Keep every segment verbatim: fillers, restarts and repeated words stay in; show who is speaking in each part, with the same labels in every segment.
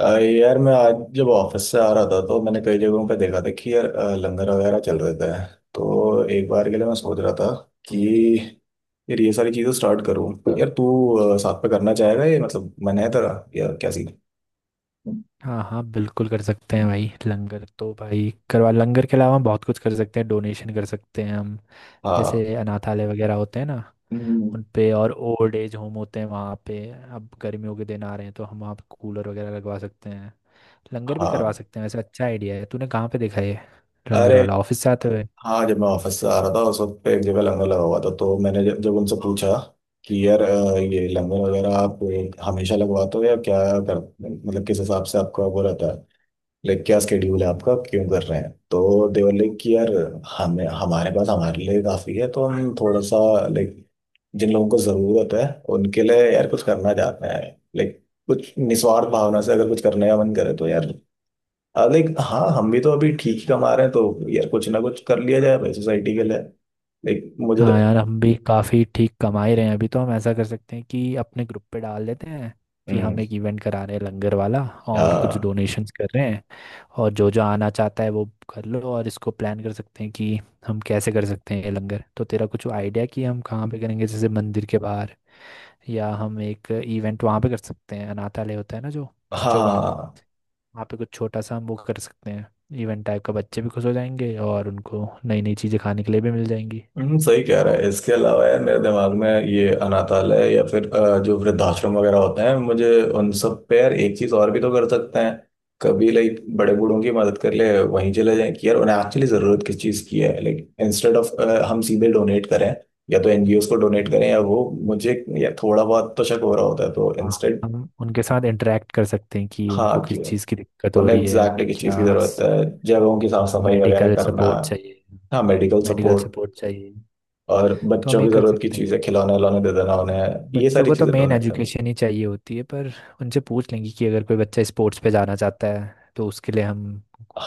Speaker 1: आ, यार मैं आज जब ऑफिस से आ रहा था तो मैंने कई जगहों पे देखा था कि यार आ, लंगर वगैरह चल रहे थे। तो एक बार के लिए मैं सोच रहा था कि यार ये सारी चीजें स्टार्ट करूँ। यार तू आ, साथ पे करना चाहेगा? ये मतलब मन है तेरा या क्या सीन?
Speaker 2: हाँ हाँ बिल्कुल कर सकते हैं भाई। लंगर तो भाई करवा, लंगर के अलावा हम बहुत कुछ कर सकते हैं, डोनेशन कर सकते हैं हम। जैसे
Speaker 1: हाँ।
Speaker 2: अनाथालय वगैरह होते हैं ना,
Speaker 1: हम्म।
Speaker 2: उन पे, और ओल्ड एज होम होते हैं वहाँ पे। अब गर्मियों के दिन आ रहे हैं तो हम वहाँ पे कूलर वगैरह लगवा सकते हैं, लंगर भी करवा
Speaker 1: हाँ।
Speaker 2: सकते हैं। वैसे अच्छा आइडिया है, तूने कहाँ पे देखा ये लंगर
Speaker 1: अरे
Speaker 2: वाला, ऑफिस से आते हुए?
Speaker 1: हाँ, जब मैं ऑफिस से आ रहा था उस वक्त पे एक जगह लंगर लगा हुआ था तो मैंने जब, जब उनसे पूछा कि यार अ, ये लंगर वगैरह आप हमेशा लगवाते हो या क्या कर मतलब किस हिसाब से आपका वो रहता है। लाइक क्या स्केड्यूल है आपका, क्यों कर रहे हैं? तो देवर लाइक कि यार हमें हमारे पास हमारे लिए काफ़ी है तो हम थोड़ा सा लाइक जिन लोगों को ज़रूरत है उनके लिए यार कुछ करना चाहते हैं। लाइक कुछ निस्वार्थ भावना से अगर कुछ करने का मन करे तो यार, लाइक हाँ, हम भी तो अभी ठीक ही कमा रहे हैं तो यार कुछ ना कुछ कर लिया जाए भाई सोसाइटी के लिए। लाइक मुझे
Speaker 2: हाँ
Speaker 1: तो-
Speaker 2: यार, हम भी काफ़ी ठीक कमा ही रहे हैं अभी, तो हम ऐसा कर सकते हैं कि अपने ग्रुप पे डाल देते हैं कि
Speaker 1: हम्म।
Speaker 2: हम एक इवेंट करा रहे हैं लंगर वाला,
Speaker 1: आ,
Speaker 2: और कुछ
Speaker 1: हाँ।
Speaker 2: डोनेशंस कर रहे हैं, और जो जो आना चाहता है वो कर लो। और इसको प्लान कर सकते हैं कि हम कैसे कर सकते हैं ये लंगर। तो तेरा कुछ आइडिया कि हम कहाँ पे करेंगे? जैसे मंदिर के बाहर, या हम एक इवेंट वहाँ पे कर सकते हैं, अनाथालय होता है ना जो
Speaker 1: हाँ।
Speaker 2: बच्चों का,
Speaker 1: हाँ।
Speaker 2: वहाँ पे कुछ छोटा सा हम वो कर सकते हैं, इवेंट टाइप का। बच्चे भी खुश हो जाएंगे और उनको नई नई चीज़ें खाने के लिए भी मिल जाएंगी।
Speaker 1: हम्म, सही कह रहा है। इसके अलावा यार मेरे दिमाग में ये अनाथालय या फिर अ, जो वृद्धाश्रम वगैरह होते हैं, मुझे उन सब पे यार एक चीज और भी तो कर सकते हैं। कभी लाइक बड़े बूढ़ों की मदद कर ले, वहीं चले जाएं कि यार उन्हें एक्चुअली जरूरत किस चीज की है। लाइक इंस्टेड ऑफ हम सीधे डोनेट करें, या तो एनजीओ को डोनेट करें या वो मुझे या थोड़ा बहुत तो शक हो रहा होता है तो
Speaker 2: हाँ,
Speaker 1: इंस्टेड
Speaker 2: हम उनके साथ इंटरेक्ट कर सकते हैं कि उनको
Speaker 1: हाँ कि
Speaker 2: किस चीज़ की दिक्कत हो
Speaker 1: उन्हें
Speaker 2: रही है।
Speaker 1: एग्जैक्टली किस चीज की
Speaker 2: क्या
Speaker 1: जरूरत
Speaker 2: स-
Speaker 1: है। जगहों की साफ
Speaker 2: हाँ,
Speaker 1: सफाई वगैरह
Speaker 2: मेडिकल
Speaker 1: करना।
Speaker 2: सपोर्ट चाहिए।
Speaker 1: हाँ, मेडिकल
Speaker 2: मेडिकल
Speaker 1: सपोर्ट।
Speaker 2: सपोर्ट चाहिए।
Speaker 1: और
Speaker 2: तो हम
Speaker 1: बच्चों
Speaker 2: ये
Speaker 1: की
Speaker 2: कर
Speaker 1: जरूरत की
Speaker 2: सकते
Speaker 1: चीजें
Speaker 2: हैं,
Speaker 1: खिलौने उलौने दे देना उन्हें। ये
Speaker 2: बच्चों
Speaker 1: सारी
Speaker 2: को तो
Speaker 1: चीजें
Speaker 2: मेन
Speaker 1: डोनेट करना।
Speaker 2: एजुकेशन ही चाहिए होती है, पर उनसे पूछ लेंगे कि अगर कोई बच्चा स्पोर्ट्स पे जाना चाहता है तो उसके लिए हम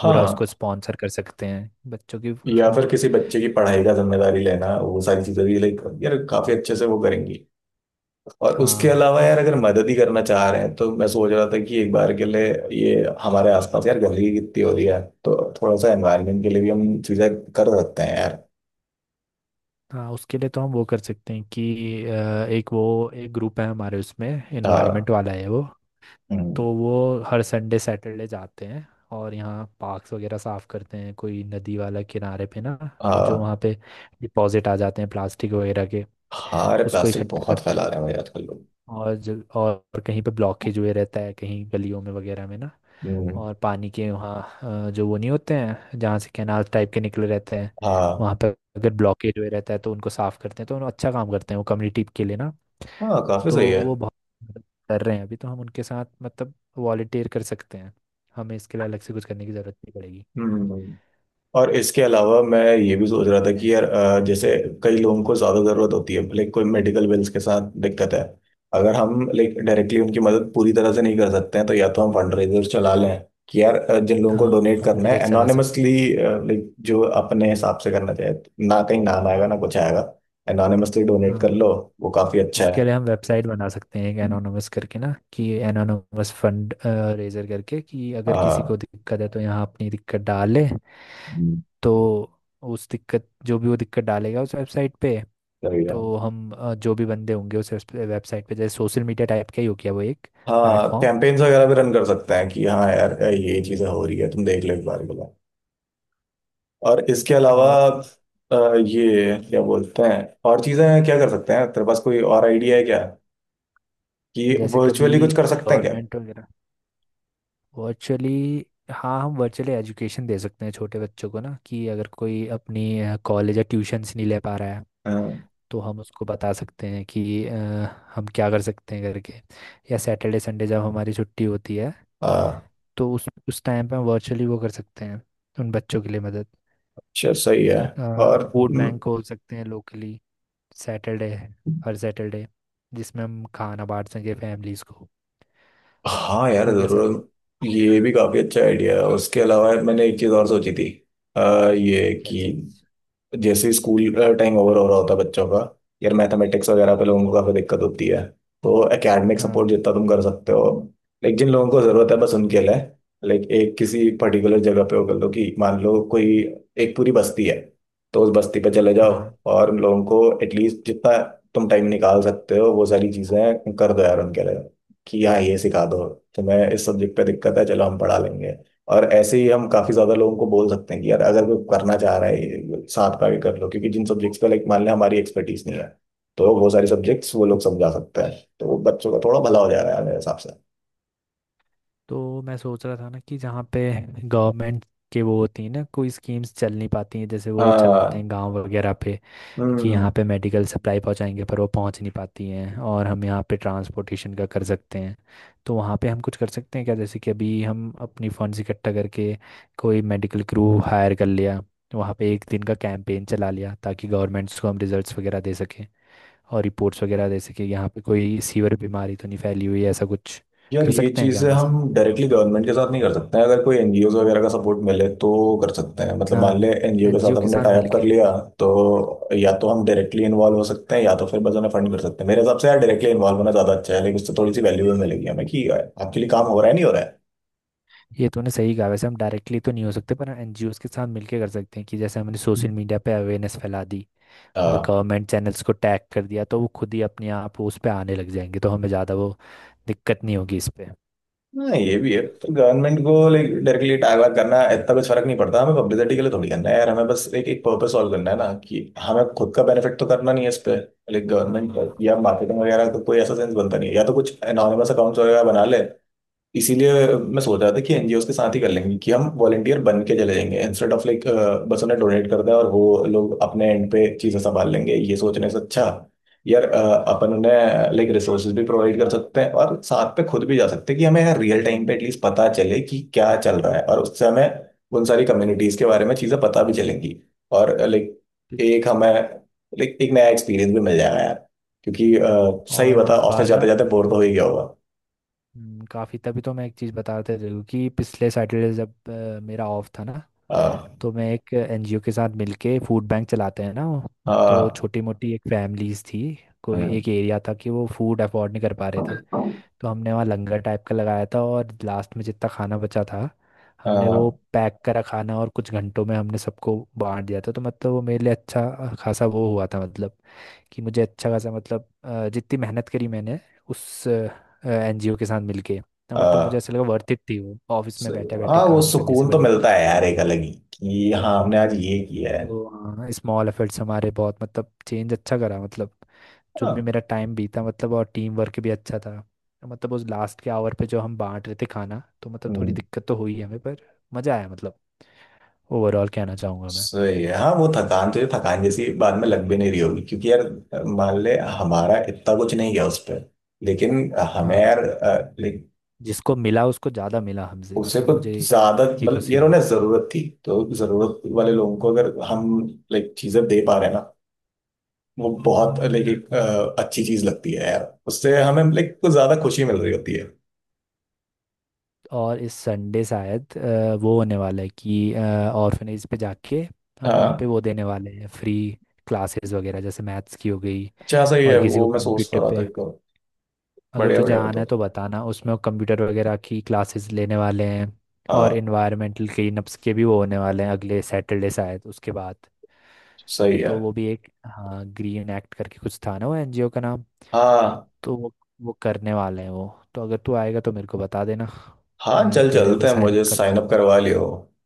Speaker 2: पूरा उसको स्पॉन्सर कर सकते हैं, बच्चों की
Speaker 1: या
Speaker 2: उसमें।
Speaker 1: फिर किसी बच्चे की पढ़ाई का जिम्मेदारी लेना, वो सारी चीजें भी लाइक यार काफी अच्छे से वो करेंगी। और उसके
Speaker 2: हाँ।
Speaker 1: अलावा यार अगर मदद ही करना चाह रहे हैं तो मैं सोच रहा था कि एक बार के लिए ये हमारे आसपास यार गंदगी कितनी हो रही है, तो थोड़ा सा एनवायरनमेंट के लिए भी हम चीजें कर सकते हैं यार।
Speaker 2: हाँ, उसके लिए तो हम वो कर सकते हैं कि अ, एक वो एक ग्रुप है हमारे उसमें, इन्वायरमेंट
Speaker 1: हाँ।
Speaker 2: वाला है वो। तो
Speaker 1: हम्म।
Speaker 2: वो हर संडे सैटरडे जाते हैं और यहाँ पार्क्स वगैरह साफ करते हैं। कोई नदी वाला किनारे पे ना, जो
Speaker 1: हाँ।
Speaker 2: वहाँ पे डिपॉजिट आ जाते हैं प्लास्टिक वगैरह के,
Speaker 1: हाँ, अरे
Speaker 2: उसको
Speaker 1: प्लास्टिक
Speaker 2: इकट्ठा
Speaker 1: बहुत
Speaker 2: करते
Speaker 1: फैला रहे
Speaker 2: हैं।
Speaker 1: हैं भाई आजकल लोग।
Speaker 2: और जो और कहीं पे ब्लॉकेज हुए रहता है, कहीं गलियों में वगैरह में ना,
Speaker 1: हम्म।
Speaker 2: और पानी के वहाँ अ, जो वो नहीं होते हैं जहाँ से कैनाल टाइप के निकले रहते हैं,
Speaker 1: हाँ।
Speaker 2: वहाँ पर अगर ब्लॉकेज हुए रहता है तो उनको साफ करते हैं। तो उन्होंने अच्छा काम करते हैं वो, कम्युनिटी के लिए ना।
Speaker 1: हाँ, काफी
Speaker 2: तो
Speaker 1: सही है।
Speaker 2: वो बहुत मदद कर रहे हैं अभी, तो हम उनके साथ मतलब वॉलेंटियर कर सकते हैं, हमें इसके लिए अलग से कुछ करने की ज़रूरत नहीं पड़ेगी।
Speaker 1: हम्म। और इसके अलावा मैं ये भी सोच रहा था कि यार अ, जैसे कई लोगों को ज़्यादा ज़रूरत होती है, लाइक कोई मेडिकल बिल्स के साथ दिक्कत है, अगर हम लाइक डायरेक्टली उनकी मदद पूरी तरह से नहीं कर सकते हैं तो या तो हम फंड रेजर चला लें कि यार अ, जिन लोगों को
Speaker 2: हाँ,
Speaker 1: डोनेट करना
Speaker 2: फंडरेजर
Speaker 1: है
Speaker 2: चला सकते हैं।
Speaker 1: एनोनिमसली, लाइक जो अपने हिसाब से करना चाहे। ना कहीं नाम आएगा ना कुछ आएगा, एनोनिमसली डोनेट कर
Speaker 2: हाँ,
Speaker 1: लो। वो काफ़ी अच्छा
Speaker 2: इसके
Speaker 1: है।
Speaker 2: लिए हम वेबसाइट बना सकते हैं, एक एनोनमस करके ना, कि एनोनमस फंड रेजर करके कि अगर किसी को
Speaker 1: हाँ।
Speaker 2: दिक्कत है तो यहाँ अपनी दिक्कत डाले।
Speaker 1: हम्म।
Speaker 2: तो उस दिक्कत, जो भी वो दिक्कत डालेगा उस वेबसाइट पे,
Speaker 1: सही है।
Speaker 2: तो हम अ, जो भी बंदे होंगे उस वेबसाइट पे, जैसे सोशल मीडिया टाइप का ही हो गया वो, एक
Speaker 1: हाँ,
Speaker 2: प्लेटफॉर्म।
Speaker 1: कैंपेन्स वगैरह भी रन कर सकते हैं कि हाँ यार
Speaker 2: हम्म।
Speaker 1: ये चीज़ें हो रही है तुम देख लो एक बार के लिए। और इसके अलावा
Speaker 2: और
Speaker 1: अ, ये क्या बोलते हैं, और चीजें क्या कर सकते हैं? तेरे पास कोई और आइडिया है क्या कि
Speaker 2: जैसे कभी
Speaker 1: वर्चुअली कुछ कर सकते हैं क्या?
Speaker 2: गवर्नमेंट वगैरह वर्चुअली, हाँ हम वर्चुअली एजुकेशन दे सकते हैं छोटे बच्चों को ना, कि अगर कोई अपनी कॉलेज या ट्यूशन्स नहीं ले पा रहा है
Speaker 1: हाँ।
Speaker 2: तो हम उसको बता सकते हैं कि अ, हम क्या कर सकते हैं करके। या सैटरडे संडे जब हमारी छुट्टी होती है
Speaker 1: हाँ।
Speaker 2: तो उस उस टाइम पे हम वर्चुअली वो कर सकते हैं, उन बच्चों के लिए मदद।
Speaker 1: अच्छा, सही है। और
Speaker 2: फूड
Speaker 1: म,
Speaker 2: बैंक खोल सकते हैं लोकली, सैटरडे है, हर सैटरडे, जिसमें हम खाना बांट सकें फैमिलीज को।
Speaker 1: हाँ यार,
Speaker 2: वो कैसा रहेगा?
Speaker 1: जरूर ये भी काफी अच्छा आइडिया है। उसके अलावा मैंने एक चीज और सोची थी अ, ये
Speaker 2: क्या चीज़?
Speaker 1: कि जैसे स्कूल टाइम ओवर हो रहा होता है बच्चों का, यार मैथमेटिक्स वगैरह पे लोगों को काफी दिक्कत होती है, तो एकेडमिक
Speaker 2: हाँ
Speaker 1: सपोर्ट जितना तुम कर सकते हो लाइक जिन लोगों को जरूरत है बस उनके लिए। लाइक एक किसी पर्टिकुलर जगह पे वो कर लो कि मान लो कोई एक पूरी बस्ती है तो उस बस्ती पे चले जाओ
Speaker 2: हाँ,
Speaker 1: और उन लोगों को एटलीस्ट जितना तुम टाइम निकाल सकते हो वो सारी चीजें कर दो यार उनके लिए। कि हाँ ये सिखा दो, तुम्हें इस सब्जेक्ट पे दिक्कत है चलो हम पढ़ा लेंगे। और ऐसे ही हम काफी ज्यादा लोगों को बोल सकते हैं कि यार अगर कोई करना चाह रहा है ये साथ का भी कर लो क्योंकि जिन सब्जेक्ट्स पे लाइक मान लें हमारी एक्सपर्टीज नहीं है तो वो सारे सब्जेक्ट्स वो लोग समझा सकते हैं तो बच्चों का थोड़ा भला हो जा रहा है मेरे हिसाब से।
Speaker 2: तो मैं सोच रहा था ना कि जहाँ पे गवर्नमेंट के वो होती है ना, कोई स्कीम्स चल नहीं पाती हैं जैसे वो चलाते
Speaker 1: हाँ।
Speaker 2: हैं गांव वगैरह पे, कि
Speaker 1: हम्म।
Speaker 2: यहाँ पे मेडिकल सप्लाई पहुँचाएंगे पर वो पहुँच नहीं पाती हैं, और हम यहाँ पे ट्रांसपोर्टेशन का कर सकते हैं। तो वहाँ पे हम कुछ कर सकते हैं क्या, जैसे कि अभी हम अपनी फंड्स इकट्ठा करके कोई मेडिकल क्रू हायर कर लिया, वहाँ पे एक दिन का कैंपेन चला लिया, ताकि गवर्नमेंट्स को हम रिजल्ट्स वगैरह दे सकें और रिपोर्ट्स वगैरह दे सकें, यहाँ पे कोई सीवर बीमारी तो नहीं फैली हुई है। ऐसा कुछ
Speaker 1: यार
Speaker 2: कर
Speaker 1: ये
Speaker 2: सकते हैं क्या
Speaker 1: चीज़ें
Speaker 2: हम
Speaker 1: हम
Speaker 2: ऐसा?
Speaker 1: डायरेक्टली गवर्नमेंट के साथ नहीं कर सकते हैं, अगर कोई एनजीओ वगैरह का सपोर्ट मिले तो कर सकते हैं। मतलब
Speaker 2: हाँ,
Speaker 1: मान ले एनजीओ के
Speaker 2: एनजीओ
Speaker 1: साथ
Speaker 2: के
Speaker 1: हमने
Speaker 2: साथ
Speaker 1: टाई अप कर
Speaker 2: मिलके।
Speaker 1: लिया, तो या तो हम डायरेक्टली इन्वॉल्व हो सकते हैं या तो फिर बस उन्हें फंड कर सकते हैं। मेरे हिसाब से यार डायरेक्टली इन्वॉल्व होना ज़्यादा अच्छा है, लेकिन उससे थोड़ी सी वैल्यू भी मिलेगी हमें कि आपके लिए काम हो रहा है
Speaker 2: हम्म,
Speaker 1: नहीं हो रहा
Speaker 2: ये तूने सही कहा। वैसे हम डायरेक्टली तो नहीं हो सकते, पर एनजीओस के साथ मिलके कर सकते हैं, कि जैसे हमने सोशल मीडिया पे अवेयरनेस फैला दी और
Speaker 1: है।
Speaker 2: गवर्नमेंट चैनल्स को टैग कर दिया तो वो खुद ही अपने आप उस पे आने लग जाएंगे, तो हमें ज़्यादा वो दिक्कत नहीं होगी इस पे।
Speaker 1: हाँ ये भी है। तो गवर्नमेंट को लाइक डायरेक्टली अटैक वैक करना इतना कुछ फर्क नहीं पड़ता, हमें पब्लिसिटी के लिए थोड़ी करना है यार, हमें बस एक एक पर्पस सॉल्व करना है
Speaker 2: हम्म।
Speaker 1: ना कि हमें खुद का बेनिफिट तो करना नहीं है इस पे। लाइक
Speaker 2: हाँ।
Speaker 1: गवर्नमेंट या मार्केटिंग वगैरह तो कोई ऐसा सेंस बनता नहीं है, या तो कुछ एनोनिमस अकाउंट्स वगैरह बना ले। इसीलिए मैं सोच रहा था कि एनजीओ के साथ ही कर लेंगे कि हम वॉलंटियर बन के चले जाएंगे, इंस्टेड ऑफ लाइक बस उन्हें डोनेट कर दें और वो लोग अपने एंड पे चीजें संभाल लेंगे ये सोचने से अच्छा यार अ, अपन उन्हें लाइक रिसोर्सेज भी प्रोवाइड कर सकते हैं और साथ पे खुद भी जा सकते हैं कि हमें यार रियल टाइम पे एटलीस्ट पता चले कि क्या चल रहा है, और उससे हमें उन सारी कम्युनिटीज के बारे में चीजें पता भी चलेंगी और लाइक
Speaker 2: पि-
Speaker 1: एक हमें लाइक एक नया एक्सपीरियंस भी मिल जाएगा यार, क्योंकि अ, सही
Speaker 2: और
Speaker 1: बता
Speaker 2: इस
Speaker 1: ऑफिस
Speaker 2: बार
Speaker 1: जाते
Speaker 2: ना
Speaker 1: जाते बोर तो हो ही गया होगा।
Speaker 2: काफ़ी, तभी तो मैं एक चीज़ बताते रही हूँ कि पिछले सैटरडे जब अ, मेरा ऑफ था ना,
Speaker 1: अ,
Speaker 2: तो मैं एक एनजीओ के साथ मिलके फूड बैंक चलाते हैं ना वो, तो
Speaker 1: हाँ।
Speaker 2: छोटी मोटी एक फैमिलीज थी कोई
Speaker 1: हम्म।
Speaker 2: एक एरिया था कि वो फूड अफोर्ड नहीं कर पा रहे थे।
Speaker 1: हाँ।
Speaker 2: तो हमने वहाँ लंगर टाइप का लगाया था, और लास्ट में जितना खाना बचा था हमने वो
Speaker 1: हाँ,
Speaker 2: पैक करा खाना, और कुछ घंटों में हमने सबको बांट दिया था। तो मतलब वो मेरे लिए अच्छा खासा वो हुआ था, मतलब कि मुझे अच्छा खासा, मतलब अ, जितनी मेहनत करी मैंने उस एनजीओ के साथ मिलके, तो मतलब मुझे ऐसा लगा वर्थ इट थी वो, ऑफिस में
Speaker 1: सही।
Speaker 2: बैठे बैठे
Speaker 1: हाँ वो
Speaker 2: काम करने
Speaker 1: सुकून
Speaker 2: से
Speaker 1: तो
Speaker 2: बढ़िया
Speaker 1: मिलता है यार एक अलग ही कि हाँ हमने आज
Speaker 2: ना।
Speaker 1: ये किया है।
Speaker 2: तो हाँ, स्मॉल एफर्ट्स हमारे बहुत मतलब चेंज अच्छा करा, मतलब जो भी
Speaker 1: हाँ।
Speaker 2: मेरा टाइम बीता, मतलब और टीम वर्क भी अच्छा था। मतलब उस लास्ट के आवर पे जो हम बांट रहे थे खाना, तो मतलब थोड़ी
Speaker 1: हम्म।
Speaker 2: दिक्कत तो हुई हमें पर मज़ा आया, मतलब ओवरऑल कहना चाहूँगा मैं।
Speaker 1: सही है हाँ, वो थकान तो ये थकान जैसी बाद में लग भी नहीं रही होगी क्योंकि यार मान ले हमारा इतना कुछ नहीं गया उस पर। लेकिन हमें
Speaker 2: हाँ,
Speaker 1: यार अ, ले-
Speaker 2: जिसको मिला उसको ज़्यादा मिला हमसे,
Speaker 1: उसे
Speaker 2: मतलब
Speaker 1: कुछ
Speaker 2: मुझे इस
Speaker 1: ज्यादा
Speaker 2: बात की
Speaker 1: मतलब
Speaker 2: खुशी
Speaker 1: यार
Speaker 2: हुई।
Speaker 1: उन्हें जरूरत थी तो जरूरत वाले लोगों को
Speaker 2: हम्म।
Speaker 1: अगर हम लाइक चीजें दे पा रहे हैं ना वो बहुत लाइक एक अ, अच्छी चीज लगती है यार, उससे हमें लाइक कुछ ज्यादा खुशी मिल रही होती है।
Speaker 2: और इस संडे शायद अ, वो होने वाला है कि ऑर्फनेज पे जाके हम वहाँ पे
Speaker 1: हाँ।
Speaker 2: वो देने वाले हैं, फ्री क्लासेस वगैरह, जैसे मैथ्स की हो गई,
Speaker 1: अच्छा सही है,
Speaker 2: और किसी को
Speaker 1: वो मैं सोचता
Speaker 2: कंप्यूटर
Speaker 1: रहा था
Speaker 2: पे
Speaker 1: क्यों।
Speaker 2: अगर
Speaker 1: बढ़िया
Speaker 2: तुझे
Speaker 1: बढ़िया।
Speaker 2: आना
Speaker 1: बताओ।
Speaker 2: है तो बताना, उसमें वो कंप्यूटर वगैरह की क्लासेस लेने वाले हैं। और
Speaker 1: हाँ।
Speaker 2: इन्वायरमेंटल क्लीनअप्स के भी वो होने वाले हैं अगले सैटरडे शायद उसके बाद,
Speaker 1: सही है।
Speaker 2: तो वो भी एक, हाँ ग्रीन एक्ट करके कुछ था ना वो एनजीओ का नाम,
Speaker 1: हाँ।
Speaker 2: तो वो वो करने वाले हैं वो। तो अगर तू आएगा तो मेरे को बता देना,
Speaker 1: हाँ
Speaker 2: मैं
Speaker 1: चल
Speaker 2: तेरे
Speaker 1: चलते
Speaker 2: पे
Speaker 1: हैं,
Speaker 2: साइन
Speaker 1: मुझे
Speaker 2: करवा
Speaker 1: साइन अप
Speaker 2: दूंगा।
Speaker 1: करवा लियो।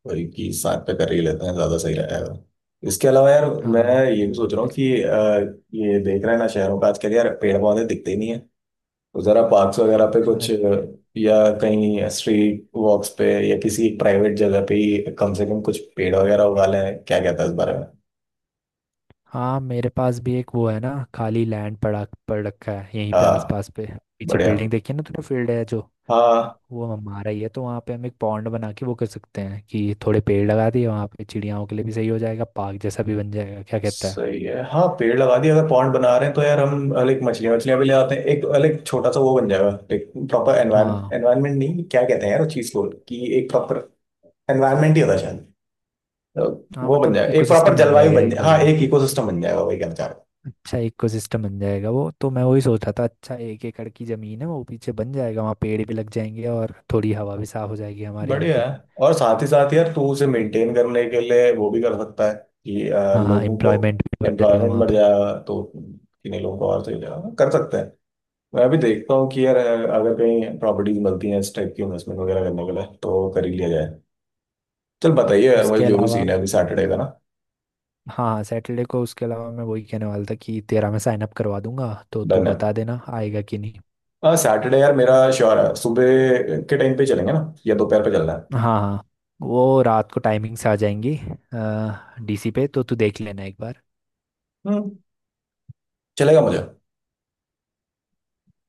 Speaker 1: वही कि साथ पे कर ही लेते हैं ज्यादा सही रहेगा। इसके अलावा यार मैं
Speaker 2: हाँ।
Speaker 1: ये भी सोच रहा हूँ
Speaker 2: इस-
Speaker 1: कि अ, ये देख रहे हैं ना शहरों का, आजकल यार पेड़ पौधे दिखते ही नहीं है, तो जरा पार्क्स वगैरह पे कुछ अ,
Speaker 2: अरे
Speaker 1: या कहीं स्ट्रीट वॉक्स पे या किसी प्राइवेट जगह पे ही कम से कम कुछ पेड़ वगैरह उगा लें। क्या कहता है इस बारे में?
Speaker 2: हाँ, मेरे पास भी एक वो है ना, खाली लैंड पड़ा पड़ रखा है यहीं पे
Speaker 1: हाँ।
Speaker 2: आसपास पे, पीछे
Speaker 1: बढ़िया।
Speaker 2: बिल्डिंग देखी है ना तूने, फील्ड है जो,
Speaker 1: हाँ।
Speaker 2: वो हमारा ही है। तो वहाँ पे हम एक पॉन्ड बना के वो कर सकते हैं कि थोड़े पेड़ लगा दिए, वहाँ पे चिड़ियाओं के लिए भी सही हो जाएगा, पार्क जैसा भी बन जाएगा। क्या कहता है?
Speaker 1: सही है हाँ, पेड़ लगा दिया, अगर पॉन्ड बना रहे हैं तो यार हम लाइक मछलियाँ मछलियाँ भी ले आते हैं, एक लाइक छोटा सा वो बन जाएगा, लाइक प्रॉपर
Speaker 2: हाँ,
Speaker 1: एनवायरमेंट, नहीं क्या कहते हैं यार उस चीज को, कि एक प्रॉपर एनवायरमेंट ही होता है शायद। तो
Speaker 2: हाँ
Speaker 1: वो बन
Speaker 2: मतलब
Speaker 1: जाएगा, एक प्रॉपर
Speaker 2: इकोसिस्टम बन
Speaker 1: जलवायु
Speaker 2: जाएगा
Speaker 1: बन
Speaker 2: एक
Speaker 1: जाए, हाँ
Speaker 2: बढ़िया।
Speaker 1: एक इकोसिस्टम बन जाएगा, वही कहना चाह रहा हूँ।
Speaker 2: अच्छा इकोसिस्टम बन जाएगा वो, तो मैं वही सोच रहा था। अच्छा एक एकड़ की जमीन है वो पीछे, बन जाएगा, वहाँ पेड़ भी लग जाएंगे और थोड़ी हवा भी साफ हो जाएगी हमारे यहाँ
Speaker 1: बढ़िया
Speaker 2: की।
Speaker 1: है। और साथ ही साथ यार तू उसे मेंटेन करने के लिए वो भी कर सकता है कि अ,
Speaker 2: हाँ,
Speaker 1: लोगों को
Speaker 2: एम्प्लॉयमेंट भी बढ़ जाएगा
Speaker 1: एम्प्लॉयमेंट
Speaker 2: वहाँ
Speaker 1: बढ़
Speaker 2: पे।
Speaker 1: जाएगा, तो किन्हीं लोगों को और सही हो जाएगा, कर सकते हैं। मैं अभी देखता हूँ कि यार अगर कहीं प्रॉपर्टीज मिलती हैं इस टाइप की इन्वेस्टमेंट वगैरह करने के लिए तो कर ही लिया जाए। चल बताइए यार मुझे
Speaker 2: उसके
Speaker 1: जो भी
Speaker 2: अलावा,
Speaker 1: सीन है अभी सैटरडे का ना।
Speaker 2: हाँ सैटरडे को, उसके अलावा मैं वही कहने वाला था कि तेरा मैं साइन अप करवा दूंगा, तो तू
Speaker 1: डन है।
Speaker 2: बता देना आएगा कि नहीं।
Speaker 1: हाँ सैटरडे यार मेरा श्योर है, सुबह के टाइम पे चलेंगे ना या दोपहर पे चलना है?
Speaker 2: हाँ हाँ, वो रात को टाइमिंग से आ जाएंगी, डी सी पे तो तू देख लेना एक बार।
Speaker 1: हम्म। चलेगा मुझे।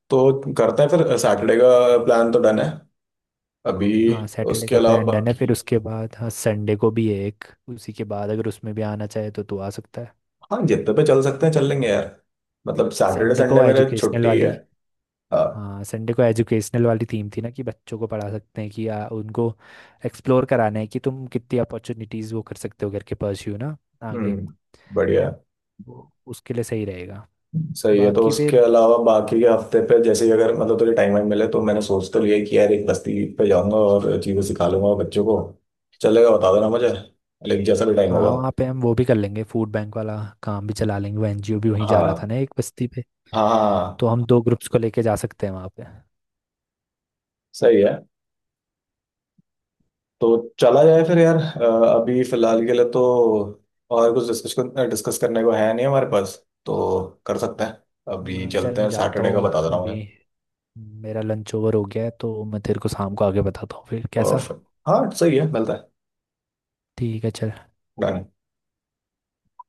Speaker 1: तो करते हैं फिर सैटरडे का, प्लान तो डन है अभी।
Speaker 2: हाँ सैटरडे
Speaker 1: उसके
Speaker 2: का
Speaker 1: अलावा
Speaker 2: प्लान डन है,
Speaker 1: बाकी
Speaker 2: फिर उसके बाद हाँ संडे को भी है एक, उसी के बाद अगर उसमें भी आना चाहे तो तू आ सकता है।
Speaker 1: हाँ जितने पे चल सकते हैं चल लेंगे यार, मतलब सैटरडे
Speaker 2: संडे
Speaker 1: संडे
Speaker 2: को
Speaker 1: मेरे
Speaker 2: एजुकेशनल
Speaker 1: छुट्टी है।
Speaker 2: वाली,
Speaker 1: हाँ।
Speaker 2: हाँ संडे को एजुकेशनल वाली थीम थी ना, कि बच्चों को पढ़ा सकते हैं, कि आ, उनको एक्सप्लोर कराना है कि तुम कितनी अपॉर्चुनिटीज़ वो कर सकते हो घर के, परस्यू ना आगे,
Speaker 1: हम्म। बढ़िया।
Speaker 2: वो उसके लिए सही रहेगा।
Speaker 1: सही है, तो
Speaker 2: बाकी
Speaker 1: उसके
Speaker 2: फिर,
Speaker 1: अलावा बाकी के हफ्ते पे जैसे ही अगर मतलब तुझे टाइम वाइम मिले तो मैंने सोच तो लिया है कि यार एक बस्ती पे जाऊंगा और चीजें सिखा लूंगा बच्चों को। चलेगा, बता देना मुझे, लेकिन जैसा भी टाइम
Speaker 2: हाँ
Speaker 1: होगा।
Speaker 2: वहाँ पे हम वो भी कर लेंगे, फूड बैंक वाला काम भी चला लेंगे, वो एनजीओ भी वहीं जा रहा था
Speaker 1: हाँ।
Speaker 2: ना एक बस्ती पे,
Speaker 1: हाँ। हाँ।
Speaker 2: तो हम दो ग्रुप्स को लेके जा सकते हैं वहाँ पे।
Speaker 1: सही है। तो चला जाए फिर यार, अ, अभी फिलहाल के लिए तो और कुछ डिस्कस डिस्कस करने को है नहीं हमारे पास, तो कर सकते हैं। अभी
Speaker 2: हाँ चल,
Speaker 1: चलते
Speaker 2: मैं
Speaker 1: हैं,
Speaker 2: जाता
Speaker 1: सैटरडे का
Speaker 2: हूँ
Speaker 1: बता दे रहा हूँ मुझे।
Speaker 2: अभी, मेरा लंच ओवर हो गया है, तो मैं तेरे को शाम को आगे बताता हूँ, फिर कैसा?
Speaker 1: परफेक्ट। हाँ सही है, मिलता है।
Speaker 2: ठीक है चल।
Speaker 1: Done।